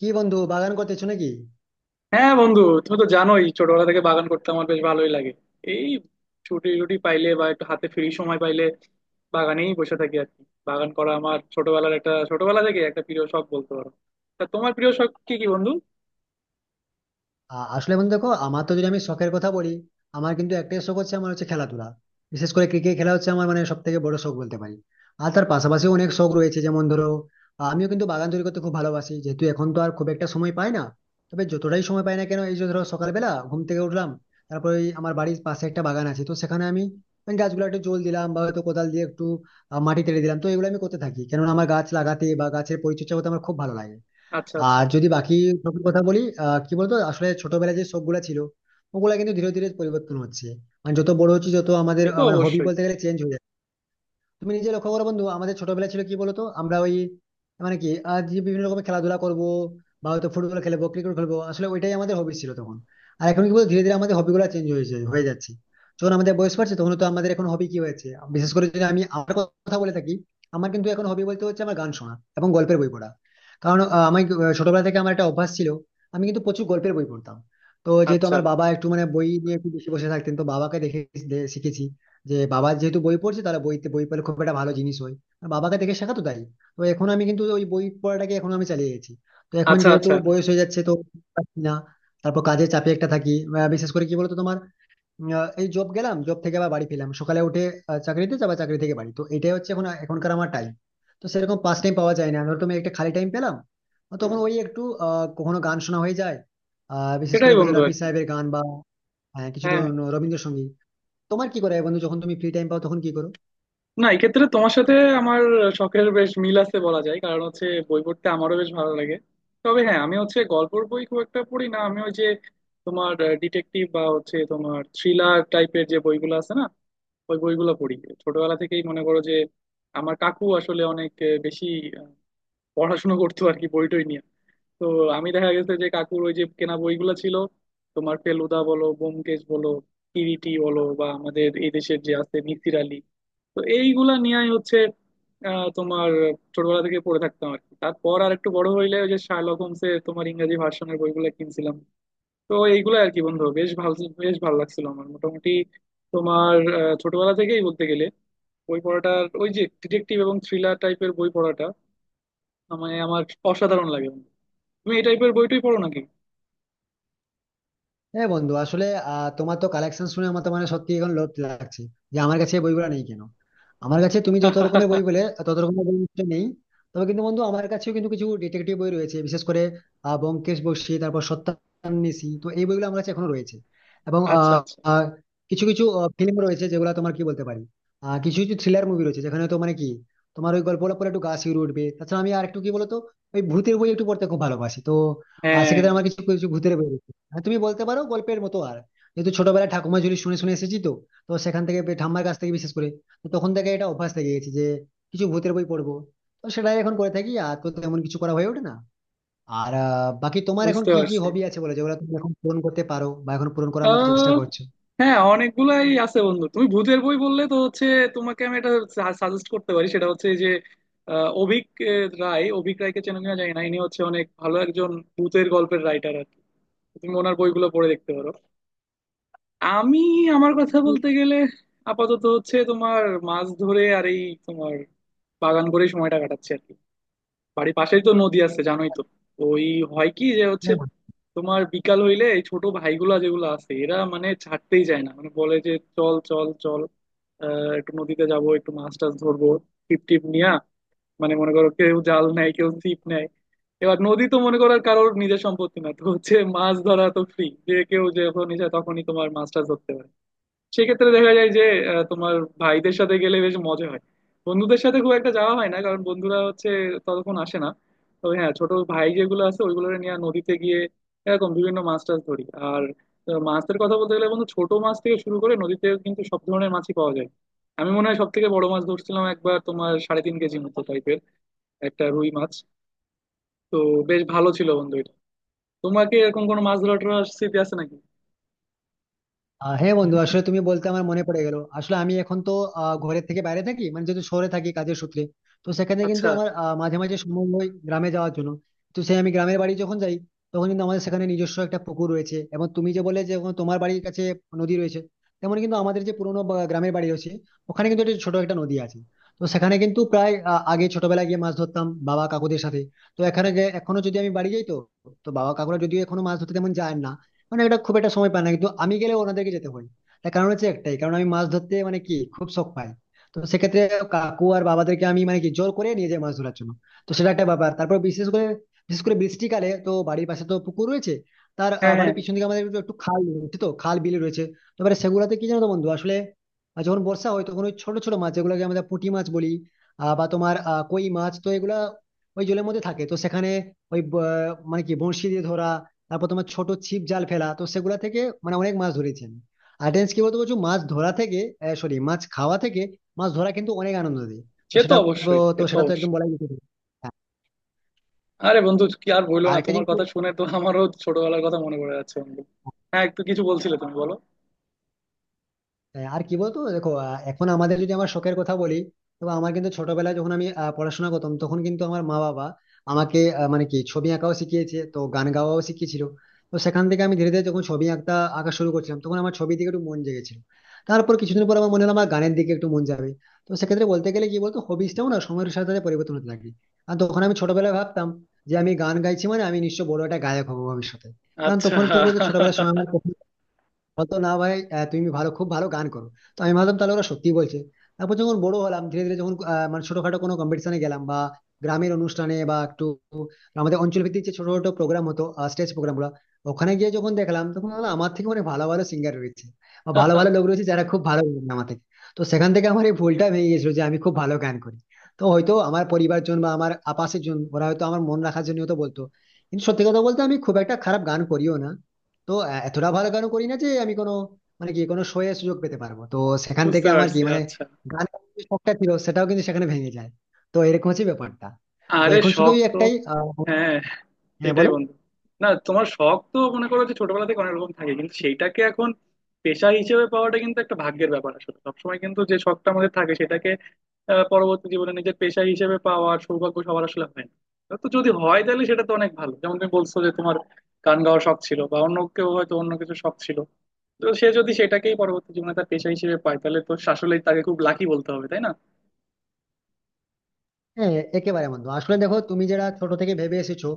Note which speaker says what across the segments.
Speaker 1: কি বন্ধু বাগান করতেছো নাকি?
Speaker 2: হ্যাঁ বন্ধু, তুমি তো জানোই ছোটবেলা থেকে বাগান করতে আমার বেশ ভালোই লাগে। এই ছুটি টুটি পাইলে বা একটু হাতে ফ্রি সময় পাইলে বাগানেই বসে থাকি আর কি। বাগান করা আমার ছোটবেলা থেকে একটা প্রিয় শখ বলতে পারো। তা তোমার প্রিয় শখ কি কি বন্ধু?
Speaker 1: আসলে বন্ধু দেখো আমার তো, যদি আমি শখের কথা বলি, আমার কিন্তু একটাই শখ হচ্ছে, আমার হচ্ছে খেলাধুলা। বিশেষ করে ক্রিকেট খেলা হচ্ছে আমার মানে সব থেকে বড় শখ বলতে পারি। আর তার পাশাপাশি অনেক শখ রয়েছে, যেমন ধরো, আমিও কিন্তু বাগান তৈরি করতে খুব ভালোবাসি, যেহেতু এখন তো আর খুব একটা সময় পাই না। তবে যতটাই সময় পাই না কেন, এই যে ধরো সকালবেলা ঘুম থেকে উঠলাম, তারপরে ওই আমার বাড়ির পাশে একটা বাগান আছে তো সেখানে আমি ওই গাছগুলো একটু জল দিলাম, বা হয়তো কোদাল দিয়ে একটু মাটি তেড়ে দিলাম। তো এগুলো আমি করতে থাকি, কেননা আমার গাছ লাগাতে বা গাছের পরিচর্যা করতে আমার খুব ভালো লাগে।
Speaker 2: আচ্ছা আচ্ছা।
Speaker 1: আর যদি বাকি শখের কথা বলি, কি বলতো, আসলে ছোটবেলায় যে শখ গুলা ছিল, ওগুলা কিন্তু ধীরে ধীরে পরিবর্তন হচ্ছে। মানে যত বড় হচ্ছে, যত আমাদের
Speaker 2: সে তো
Speaker 1: মানে হবি
Speaker 2: অবশ্যই।
Speaker 1: বলতে গেলে চেঞ্জ হয়ে যাচ্ছে। তুমি নিজে লক্ষ্য করো বন্ধু, আমাদের ছোটবেলা ছিল কি বলতো, আমরা ওই মানে কি, আজ যে বিভিন্ন রকমের খেলাধুলা করবো বা হয়তো ফুটবল খেলবো, ক্রিকেট খেলবো, আসলে ওইটাই আমাদের হবি ছিল তখন। আর এখন কি বলতো, ধীরে ধীরে আমাদের হবি গুলো চেঞ্জ হয়েছে, হয়ে যাচ্ছে। যখন আমাদের বয়স বাড়ছে, তখন তো আমাদের এখন হবি কি হয়েছে? বিশেষ করে যদি আমি আমার কথা বলে থাকি, আমার কিন্তু এখন হবি বলতে হচ্ছে আমার গান শোনা এবং গল্পের বই পড়া। কারণ আমি ছোটবেলা থেকে আমার একটা অভ্যাস ছিল, আমি কিন্তু প্রচুর গল্পের বই পড়তাম। তো যেহেতু
Speaker 2: আচ্ছা
Speaker 1: আমার বাবা একটু মানে বই নিয়ে একটু বেশি বসে থাকতেন, তো বাবাকে দেখে শিখেছি যে, বাবা যেহেতু বই পড়ছে, তাহলে বইতে বই পড়লে খুব একটা ভালো জিনিস হয়। আর বাবাকে দেখে শেখা তো, তাই তো এখন আমি কিন্তু ওই বই পড়াটাকে এখন আমি চালিয়ে গেছি। তো এখন
Speaker 2: আচ্ছা।
Speaker 1: যেহেতু
Speaker 2: আচ্ছা।
Speaker 1: বয়স হয়ে যাচ্ছে তো পারছি না। তারপর কাজের চাপে একটা থাকি, বিশেষ করে কি বলতো তোমার, এই জব গেলাম, জব থেকে আবার বাড়ি ফিরলাম, সকালে উঠে চাকরিতে যাবা, চাকরি থেকে বাড়ি, তো এটাই হচ্ছে এখন এখনকার আমার টাইম। তো সেরকম পাস টাইম পাওয়া যায় না, ধরো তুমি একটা খালি টাইম পেলাম, তখন ওই একটু কখনো গান শোনা হয়ে যায়। বিশেষ
Speaker 2: সেটাই
Speaker 1: করে বলতে
Speaker 2: বন্ধু আর
Speaker 1: রফি
Speaker 2: কি।
Speaker 1: সাহেবের গান বা কিছু
Speaker 2: হ্যাঁ।
Speaker 1: রবীন্দ্রসঙ্গীত। তোমার কি করা হয় বন্ধু, যখন তুমি ফ্রি টাইম পাও তখন কি করো?
Speaker 2: না, এক্ষেত্রে তোমার সাথে আমার শখের বেশ মিল আছে বলা যায়, কারণ হচ্ছে বই পড়তে আমারও বেশ ভালো লাগে। তবে হ্যাঁ, আমি হচ্ছে গল্পের বই খুব একটা পড়ি না, আমি ওই যে তোমার ডিটেকটিভ বা হচ্ছে তোমার থ্রিলার টাইপের যে বইগুলো আছে না, ওই বইগুলো পড়ি। ছোটবেলা থেকেই মনে করো যে আমার কাকু আসলে অনেক বেশি আহ, পড়াশোনা করতো আর কি, বই টই নিয়ে। তো আমি দেখা গেছে যে কাকুর ওই যে কেনা বইগুলো ছিল, তোমার ফেলুদা বলো, ব্যোমকেশ বলো, কিরিটি বলো, বা আমাদের এই দেশের যে আছে মিসির আলী, তো এইগুলা নিয়েই হচ্ছে তোমার ছোটবেলা থেকে পড়ে থাকতাম আর কি। তারপর আর একটু বড় হইলে ওই যে শার্লক হোমসের তোমার ইংরেজি ভার্সনের বইগুলো কিনছিলাম। তো এইগুলো আর কি বন্ধু, বেশ ভালো, বেশ ভালো লাগছিল আমার। মোটামুটি তোমার ছোটবেলা থেকেই বলতে গেলে বই পড়াটার ওই যে ডিটেকটিভ এবং থ্রিলার টাইপের বই পড়াটা মানে আমার অসাধারণ লাগে বন্ধু। তুমি এই টাইপের বইটই পড়ো নাকি?
Speaker 1: হ্যাঁ বন্ধু, আসলে তোমার তো কালেকশন শুনে আমার তো মানে সত্যি এখন লোভ লাগছে যে আমার কাছে এই বইগুলো নেই কেন। আমার কাছে তুমি যত রকমের বই বলে তত রকমের বই নিশ্চয়ই নেই। তবে কিন্তু বন্ধু আমার কাছেও কিন্তু কিছু ডিটেকটিভ বই রয়েছে, বিশেষ করে ব্যোমকেশ বক্সী, তারপর সত্যান্বেষী, তো এই বইগুলো আমার কাছে এখনো রয়েছে। এবং
Speaker 2: আচ্ছা
Speaker 1: আহ,
Speaker 2: আচ্ছা।
Speaker 1: আহ, কিছু কিছু ফিল্ম রয়েছে যেগুলো তোমার কি বলতে পারি, কিছু কিছু থ্রিলার মুভি রয়েছে যেখানে তো মানে কি তোমার ওই গল্পটা পরে একটু গা শিউরে উঠবে। তাছাড়া আমি আর একটু কি বলতো, ওই ভূতের বই একটু পড়তে খুব ভালোবাসি। তো
Speaker 2: হ্যাঁ,
Speaker 1: সেক্ষেত্রে আমার কিছু কিছু ভূতের বই রয়েছে। হ্যাঁ, তুমি বলতে পারো গল্পের মতো। আর যেহেতু ছোটবেলায় ঠাকুমা ঝুলি শুনে শুনে এসেছি, তো তো সেখান থেকে ঠাম্মার কাছ থেকে বিশেষ করে, তো তখন থেকে এটা অভ্যাস থেকে গেছে যে কিছু ভূতের বই পড়বো। তো সেটাই এখন করে থাকি, আর তো তেমন কিছু করা হয়ে ওঠে না। আর বাকি তোমার এখন
Speaker 2: বুঝতে
Speaker 1: কি কি
Speaker 2: পারছি।
Speaker 1: হবি আছে বলে যেগুলো তুমি এখন পূরণ করতে পারো বা এখন পূরণ করার মতো চেষ্টা
Speaker 2: আহ, হ্যাঁ অনেকগুলাই আছে বন্ধু। তুমি ভূতের বই বললে তো হচ্ছে তোমাকে আমি এটা সাজেস্ট করতে পারি, সেটা হচ্ছে যে আহ, অভীক আহ, রায় অভীক রায়কে চেনো কিনা জানি না, ইনি হচ্ছে অনেক ভালো একজন ভূতের গল্পের রাইটার আর কি। তুমি ওনার বইগুলো পড়ে দেখতে পারো। আমি, আমার কথা
Speaker 1: করছো?
Speaker 2: বলতে গেলে আপাতত হচ্ছে তোমার মাছ ধরে আর এই তোমার বাগান করে সময়টা কাটাচ্ছি আর কি। বাড়ির পাশেই তো নদী আছে, জানোই তো। ওই হয় কি যে হচ্ছে তোমার বিকাল হইলে এই ছোট ভাইগুলা যেগুলো আছে এরা মানে ছাড়তেই চায় না, মানে বলে যে চল চল চল, একটু নদীতে যাব, একটু মাছ টাছ ধরবো, টিপ টিপ নিয়া। মানে মনে করো কেউ জাল নেয়, কেউ ছিপ নেয়। এবার নদী তো মনে করো আর কারোর নিজের সম্পত্তি না, তো হচ্ছে মাছ ধরা তো ফ্রি, যে কেউ যখন ইচ্ছা তখনই তোমার মাছ টাছ ধরতে পারে। সেক্ষেত্রে দেখা যায় যে তোমার ভাইদের সাথে গেলে বেশ মজা হয়। বন্ধুদের সাথে খুব একটা যাওয়া হয় না, কারণ বন্ধুরা হচ্ছে ততক্ষণ আসে না। তবে হ্যাঁ, ছোট ভাই যেগুলো আছে ওইগুলো নিয়ে নদীতে গিয়ে এরকম বিভিন্ন মাছ টাছ ধরি। আর মাছের কথা বলতে গেলে বন্ধু, ছোট মাছ থেকে শুরু করে নদীতে কিন্তু সব ধরনের মাছই পাওয়া যায়। আমি মনে হয় সব থেকে বড় মাছ ধরছিলাম একবার, তোমার 3.5 কেজি মতো টাইপের একটা রুই মাছ। তো বেশ ভালো ছিল বন্ধু এটা। তোমাকে এরকম কোনো মাছ ধরার স্মৃতি আছে নাকি?
Speaker 1: হ্যাঁ বন্ধু, আসলে তুমি বলতে আমার মনে পড়ে গেল। আসলে আমি এখন তো ঘরের থেকে বাইরে থাকি, মানে যেহেতু শহরে থাকি কাজের সূত্রে, তো সেখানে কিন্তু
Speaker 2: আচ্ছা।
Speaker 1: আমার মাঝে মাঝে সময় হয় গ্রামে যাওয়ার জন্য। তো সেই আমি গ্রামের বাড়ি যখন যাই, তখন কিন্তু আমাদের সেখানে নিজস্ব একটা পুকুর রয়েছে। এবং তুমি যে বলে যে ওখানে তোমার বাড়ির কাছে নদী রয়েছে, তেমন কিন্তু আমাদের যে পুরোনো গ্রামের বাড়ি রয়েছে, ওখানে কিন্তু একটা ছোট একটা নদী আছে। তো সেখানে কিন্তু প্রায় আগে ছোটবেলায় গিয়ে মাছ ধরতাম বাবা কাকুদের সাথে। তো এখানে এখনো যদি আমি বাড়ি যাই তো, তো বাবা কাকুরা যদিও এখনো মাছ ধরতে তেমন যায় না, মানে এটা খুব একটা সময় পায় না, কিন্তু আমি গেলে ওনাদেরকে যেতে হয়। তার কারণ হচ্ছে একটাই কারণ, আমি মাছ ধরতে মানে কি খুব শখ পাই। তো সেক্ষেত্রে কাকু আর বাবাদেরকে আমি মানে কি জোর করে নিয়ে যাই মাছ ধরার জন্য। তো সেটা একটা ব্যাপার। তারপর বিশেষ করে, বিশেষ করে বৃষ্টিকালে তো বাড়ির পাশে তো পুকুর রয়েছে। তার
Speaker 2: হ্যাঁ হ্যাঁ।
Speaker 1: বাড়ির পিছন দিকে আমাদের একটু একটু খাল রয়েছে, তো খাল বিল রয়েছে। তো এবারে সেগুলাতে কি জানো তো বন্ধু, আসলে যখন বর্ষা হয় তখন ওই ছোট ছোট মাছ যেগুলোকে আমরা পুঁটি মাছ বলি, বা তোমার কই মাছ, তো এগুলা ওই জলের মধ্যে থাকে। তো সেখানে ওই মানে কি বঁড়শি দিয়ে ধরা, তারপর তোমার ছোট ছিপ জাল ফেলা, তো সেগুলা থেকে মানে অনেক মাছ ধরেছি আমি। আর টেন্স কি বলতো, বলছো মাছ ধরা থেকে, সরি, মাছ খাওয়া থেকে মাছ ধরা কিন্তু অনেক আনন্দ দেয়। তো
Speaker 2: সে তো
Speaker 1: সেটা
Speaker 2: অবশ্যই, সে
Speaker 1: তো
Speaker 2: তো
Speaker 1: সেটা তো একদম
Speaker 2: অবশ্যই।
Speaker 1: বলাই যেতে পারে। হ্যাঁ,
Speaker 2: আরে বন্ধু কি আর বললো,
Speaker 1: আর
Speaker 2: না
Speaker 1: একটা
Speaker 2: তোমার
Speaker 1: জিনিস।
Speaker 2: কথা শুনে তো আমারও ছোটবেলার কথা মনে পড়ে যাচ্ছে বন্ধু। হ্যাঁ একটু কিছু বলছিলে, তুমি বলো।
Speaker 1: হ্যাঁ, আর কি বলতো দেখো, এখন আমাদের যদি আমার শখের কথা বলি, তো আমার কিন্তু ছোটবেলায় যখন আমি পড়াশোনা করতাম, তখন কিন্তু আমার মা বাবা আমাকে মানে কি ছবি আঁকাও শিখিয়েছে, তো গান গাওয়াও শিখিয়েছিল। তো সেখান থেকে আমি ধীরে ধীরে যখন ছবি আঁকতে আঁকা শুরু করছিলাম, তখন আমার ছবি দিকে একটু মন জেগেছিল। তারপর কিছুদিন পর আমার মনে হলো আমার গানের দিকে একটু মন যাবে। তো সেক্ষেত্রে বলতে গেলে কি বলতো, হবিসটাও না সময়ের সাথে সাথে পরিবর্তন হতে লাগে। আর তখন আমি ছোটবেলায় ভাবতাম যে আমি গান গাইছি মানে আমি নিশ্চয় বড় একটা গায়ক হবো ভবিষ্যতে। কারণ
Speaker 2: আচ্ছা।
Speaker 1: তখন কি বলতো, ছোটবেলার সময় আমার বলতো না, ভাই তুমি ভালো, খুব ভালো গান করো। তো আমি ভাবলাম তাহলে ওরা সত্যি বলছে। তারপর যখন বড় হলাম, ধীরে ধীরে যখন মানে ছোটখাটো কোনো কম্পিটিশনে গেলাম, বা গ্রামের অনুষ্ঠানে বা একটু আমাদের অঞ্চল ভিত্তিক যে ছোট ছোট প্রোগ্রাম হতো, স্টেজ প্রোগ্রাম গুলো, ওখানে গিয়ে যখন দেখলাম, তখন বললাম, আমার থেকে অনেক ভালো ভালো সিঙ্গার রয়েছে বা ভালো ভালো লোক রয়েছে যারা খুব ভালো গান আমার থেকে। তো সেখান থেকে আমার এই ভুলটা ভেঙে গেছিল যে আমি খুব ভালো গান করি। তো হয়তো আমার পরিবারজন বা আমার আপাশের জন ওরা হয়তো আমার মন রাখার জন্য হয়তো বলতো, কিন্তু সত্যি কথা বলতে আমি খুব একটা খারাপ গান করিও না, তো এতটা ভালো গানও করি না যে আমি কোনো মানে কি কোনো শোয়ে সুযোগ পেতে পারবো। তো সেখান
Speaker 2: বুঝতে
Speaker 1: থেকে আমার কি
Speaker 2: পারছি।
Speaker 1: মানে
Speaker 2: আচ্ছা।
Speaker 1: গান যে শখটা ছিল সেটাও কিন্তু সেখানে ভেঙে যায়। তো এরকম হচ্ছে ব্যাপারটা। তো
Speaker 2: আরে
Speaker 1: এখন শুধু
Speaker 2: শখ
Speaker 1: ওই
Speaker 2: তো।
Speaker 1: একটাই
Speaker 2: হ্যাঁ
Speaker 1: হ্যাঁ
Speaker 2: সেটাই
Speaker 1: বলো।
Speaker 2: বন্ধু। না, তোমার শখ তো মনে করো যে ছোটবেলা থেকে অনেক রকম থাকে, কিন্তু সেইটাকে এখন পেশা হিসেবে পাওয়াটা কিন্তু একটা ভাগ্যের ব্যাপার। আসলে সবসময় কিন্তু যে শখটা আমাদের থাকে সেটাকে পরবর্তী জীবনে নিজের পেশা হিসেবে পাওয়ার সৌভাগ্য সবার আসলে হয় না। তো যদি হয় তাহলে সেটা তো অনেক ভালো, যেমন তুমি বলছো যে তোমার গান গাওয়ার শখ ছিল, বা অন্য কেউ হয়তো অন্য কিছু শখ ছিল। তো সে যদি সেটাকেই পরবর্তী জীবনে তার পেশা হিসেবে পায়, তাহলে তো আসলেই তাকে খুব লাকি বলতে হবে, তাই না?
Speaker 1: হ্যাঁ, একেবারে বন্ধু। আসলে দেখো তুমি যারা ছোট থেকে ভেবে এসেছো,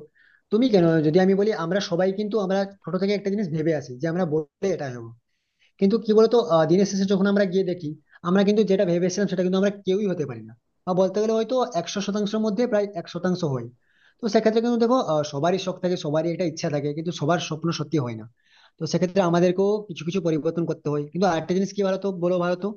Speaker 1: তুমি কেন, যদি আমি বলি আমরা সবাই কিন্তু আমরা ছোট থেকে একটা জিনিস ভেবে আসি যে আমরা বললে এটা হবো। কিন্তু কি বলতো, দিনের শেষে যখন আমরা গিয়ে দেখি, আমরা কিন্তু যেটা ভেবেছিলাম সেটা কিন্তু আমরা কেউই হতে পারি না। বা বলতে গেলে হয়তো 100 শতাংশের মধ্যে প্রায় 1 শতাংশ হয়। তো সেক্ষেত্রে কিন্তু দেখো, সবারই শখ থাকে, সবারই একটা ইচ্ছা থাকে, কিন্তু সবার স্বপ্ন সত্যি হয় না। তো সেক্ষেত্রে আমাদেরকেও কিছু কিছু পরিবর্তন করতে হয়। কিন্তু আরেকটা জিনিস কি বলতো, বলো ভারত তো,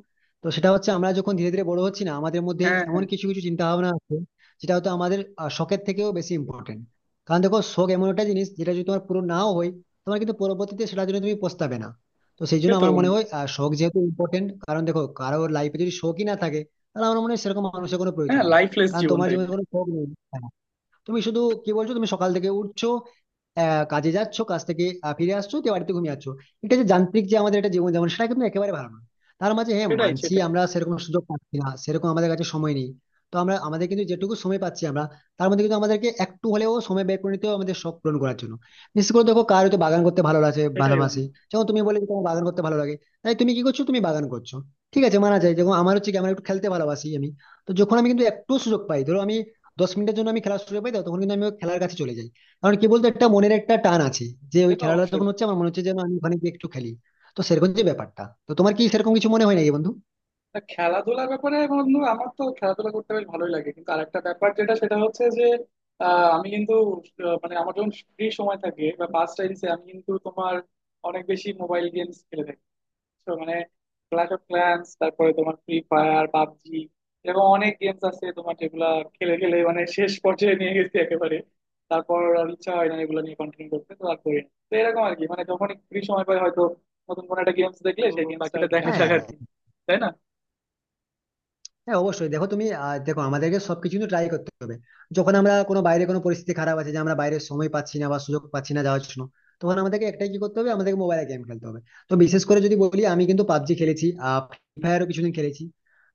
Speaker 1: তো সেটা হচ্ছে আমরা যখন ধীরে ধীরে বড় হচ্ছি না, আমাদের মধ্যে
Speaker 2: হ্যাঁ
Speaker 1: এমন
Speaker 2: হ্যাঁ।
Speaker 1: কিছু কিছু চিন্তা ভাবনা আছে যেটা হয়তো আমাদের শখের থেকেও বেশি ইম্পর্টেন্ট। কারণ দেখো শখ এমন একটা জিনিস যেটা যদি তোমার পুরো নাও হয়, তোমার কিন্তু পরবর্তীতে সেটার জন্য তুমি পস্তাবে না। তো সেই
Speaker 2: সে
Speaker 1: জন্য
Speaker 2: তো
Speaker 1: আমার মনে
Speaker 2: বন্ধু।
Speaker 1: হয় শখ যেহেতু ইম্পর্টেন্ট, কারণ দেখো কারোর লাইফে যদি শখই না থাকে, তাহলে আমার মনে হয় সেরকম মানুষের কোনো প্রয়োজন
Speaker 2: হ্যাঁ,
Speaker 1: নেই।
Speaker 2: লাইফলেস
Speaker 1: কারণ
Speaker 2: জীবন
Speaker 1: তোমার জীবনে
Speaker 2: তাইলে।
Speaker 1: কোনো শখ নেই, তুমি শুধু কি বলছো, তুমি সকাল থেকে উঠছো, কাজে যাচ্ছ, কাজ থেকে ফিরে আসছো, দিয়ে বাড়িতে ঘুমিয়ে যাচ্ছ। এটা যে যান্ত্রিক যে আমাদের একটা জীবন যেমন, সেটা কিন্তু একেবারে ভালো না। তার মাঝে হ্যাঁ
Speaker 2: সেটাই
Speaker 1: মানছি,
Speaker 2: সেটাই।
Speaker 1: আমরা সেরকম সুযোগ পাচ্ছি না, সেরকম আমাদের কাছে সময় নেই। তো আমরা আমাদের কিন্তু যেটুকু সময় পাচ্ছি আমরা, তার মধ্যে কিন্তু আমাদেরকে একটু হলেও সময় বের করে নিতে হবে আমাদের শখ পূরণ করার জন্য। বিশেষ করে দেখো, কার হয়তো বাগান করতে ভালো লাগে,
Speaker 2: সেটাই
Speaker 1: ভালোবাসে,
Speaker 2: বন্ধু।
Speaker 1: যেমন তুমি বলে যে তোমার বাগান করতে ভালো লাগে, তাই তুমি কি করছো, তুমি বাগান করছো, ঠিক আছে মানা যায়। যেমন আমার হচ্ছে কি, আমার একটু খেলতে ভালোবাসি আমি, তো যখন আমি কিন্তু একটু সুযোগ পাই, ধরো আমি 10 মিনিটের জন্য আমি খেলা শুরু পাই, তো তখন কিন্তু আমি ওই খেলার কাছে চলে যাই। কারণ কি বলতো, একটা মনের একটা টান আছে যে
Speaker 2: সে
Speaker 1: ওই
Speaker 2: তো
Speaker 1: খেলাটা
Speaker 2: অবশ্যই।
Speaker 1: যখন হচ্ছে আমার মনে হচ্ছে যেন আমি ওখানে গিয়ে একটু খেলি। তো সেরকম যে ব্যাপারটা। তো তোমার কি সেরকম কিছু মনে হয় নাকি বন্ধু?
Speaker 2: না, খেলাধুলার ব্যাপারে বন্ধু আমার তো খেলাধুলা করতে বেশ ভালোই লাগে, কিন্তু আরেকটা ব্যাপার যেটা, সেটা হচ্ছে যে আমি কিন্তু মানে আমার যখন ফ্রি সময় থাকে বা পাস টাইমসে আমি কিন্তু তোমার অনেক বেশি মোবাইল গেমস খেলে থাকি। তো মানে ক্ল্যাশ অফ ক্ল্যান্স, তারপরে তোমার ফ্রি ফায়ার, পাবজি, এরকম অনেক গেমস আছে তোমার, যেগুলা খেলে খেলে মানে শেষ পর্যায়ে নিয়ে গেছি একেবারে। তারপর আর ইচ্ছা হয় না এগুলো নিয়ে কন্টিনিউ করতে, তো আর করি না। তো এরকম আর কি, মানে যখন ফ্রি সময় পাই হয়তো নতুন কোনো একটা গেমস দেখলে, ও সেই আচ্ছা গেমসটা, আচ্ছা দেখা যাক
Speaker 1: হ্যাঁ,
Speaker 2: আর কি। তাই না?
Speaker 1: হ্যাঁ অবশ্যই। দেখো তুমি দেখো আমাদেরকে সবকিছু কিন্তু ট্রাই করতে হবে। যখন আমরা কোনো বাইরে কোনো পরিস্থিতি খারাপ আছে যে আমরা বাইরে সময় পাচ্ছি না বা সুযোগ পাচ্ছি না যাওয়ার জন্য, তখন আমাদেরকে একটাই কি করতে হবে, আমাদেরকে মোবাইলে গেম খেলতে হবে। তো বিশেষ করে যদি বলি, আমি কিন্তু পাবজি খেলেছি, ফ্রি ফায়ারও কিছুদিন খেলেছি।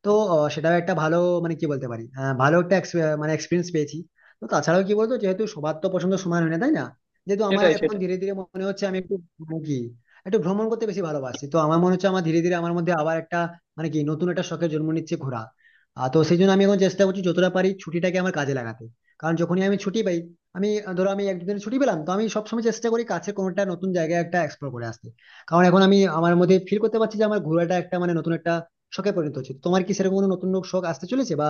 Speaker 1: তো সেটাও একটা ভালো মানে কি বলতে পারি, ভালো একটা মানে এক্সপিরিয়েন্স পেয়েছি। তো তাছাড়াও কি বলতো, যেহেতু সবার তো পছন্দ সমান হয় না তাই না। যেহেতু আমার
Speaker 2: সেটাই
Speaker 1: এখন
Speaker 2: সেটাই।
Speaker 1: ধীরে ধীরে মনে হচ্ছে আমি একটু মানে কি একটু ভ্রমণ করতে বেশি ভালোবাসি, তো আমার মনে হচ্ছে আমার ধীরে ধীরে আমার মধ্যে আবার একটা মানে কি নতুন একটা শখের জন্ম নিচ্ছে ঘোরা। আর তো সেই জন্য আমি এখন চেষ্টা করছি যতটা পারি ছুটিটাকে আমার কাজে লাগাতে। কারণ যখনই আমি ছুটি পাই, আমি ধরো আমি এক দুদিন ছুটি পেলাম, তো আমি সবসময় চেষ্টা করি কাছে কোনোটা নতুন জায়গায় একটা এক্সপ্লোর করে আসতে। কারণ এখন আমি আমার মধ্যে ফিল করতে পারছি যে আমার ঘোরাটা একটা মানে নতুন একটা শখে পরিণত হচ্ছে। তোমার কি সেরকম কোনো নতুন শখ আসতে চলেছে বা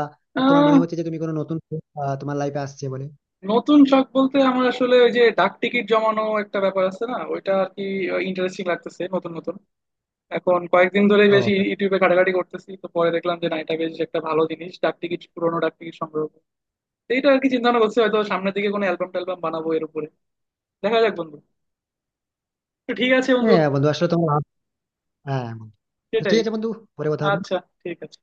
Speaker 1: তোমার
Speaker 2: আহ
Speaker 1: মনে হচ্ছে যে তুমি কোনো নতুন শখ, তোমার লাইফে আসছে বলে?
Speaker 2: নতুন শখ বলতে আমার আসলে ওই যে ডাক টিকিট জমানো একটা ব্যাপার আছে না, ওইটা আর কি। ইন্টারেস্টিং লাগতেছে নতুন নতুন। এখন কয়েকদিন ধরেই
Speaker 1: ও
Speaker 2: বেশি ইউটিউবে ঘাটাঘাটি করতেছি, তো পরে দেখলাম যে না, এটা বেশ একটা ভালো জিনিস, ডাক টিকিট, পুরোনো ডাক টিকিট সংগ্রহ করা। তো এইটা আর কি চিন্তা ভাবনা করছি, হয়তো সামনের দিকে কোনো অ্যালবাম ট্যালবাম বানাবো এর উপরে। দেখা যাক বন্ধু। তো ঠিক আছে বন্ধু।
Speaker 1: হ্যাঁ বন্ধু, আসলে তোমার হ্যাঁ বন্ধু, তো ঠিক
Speaker 2: সেটাই।
Speaker 1: আছে বন্ধু, পরে কথা হবে।
Speaker 2: আচ্ছা। ঠিক আছে।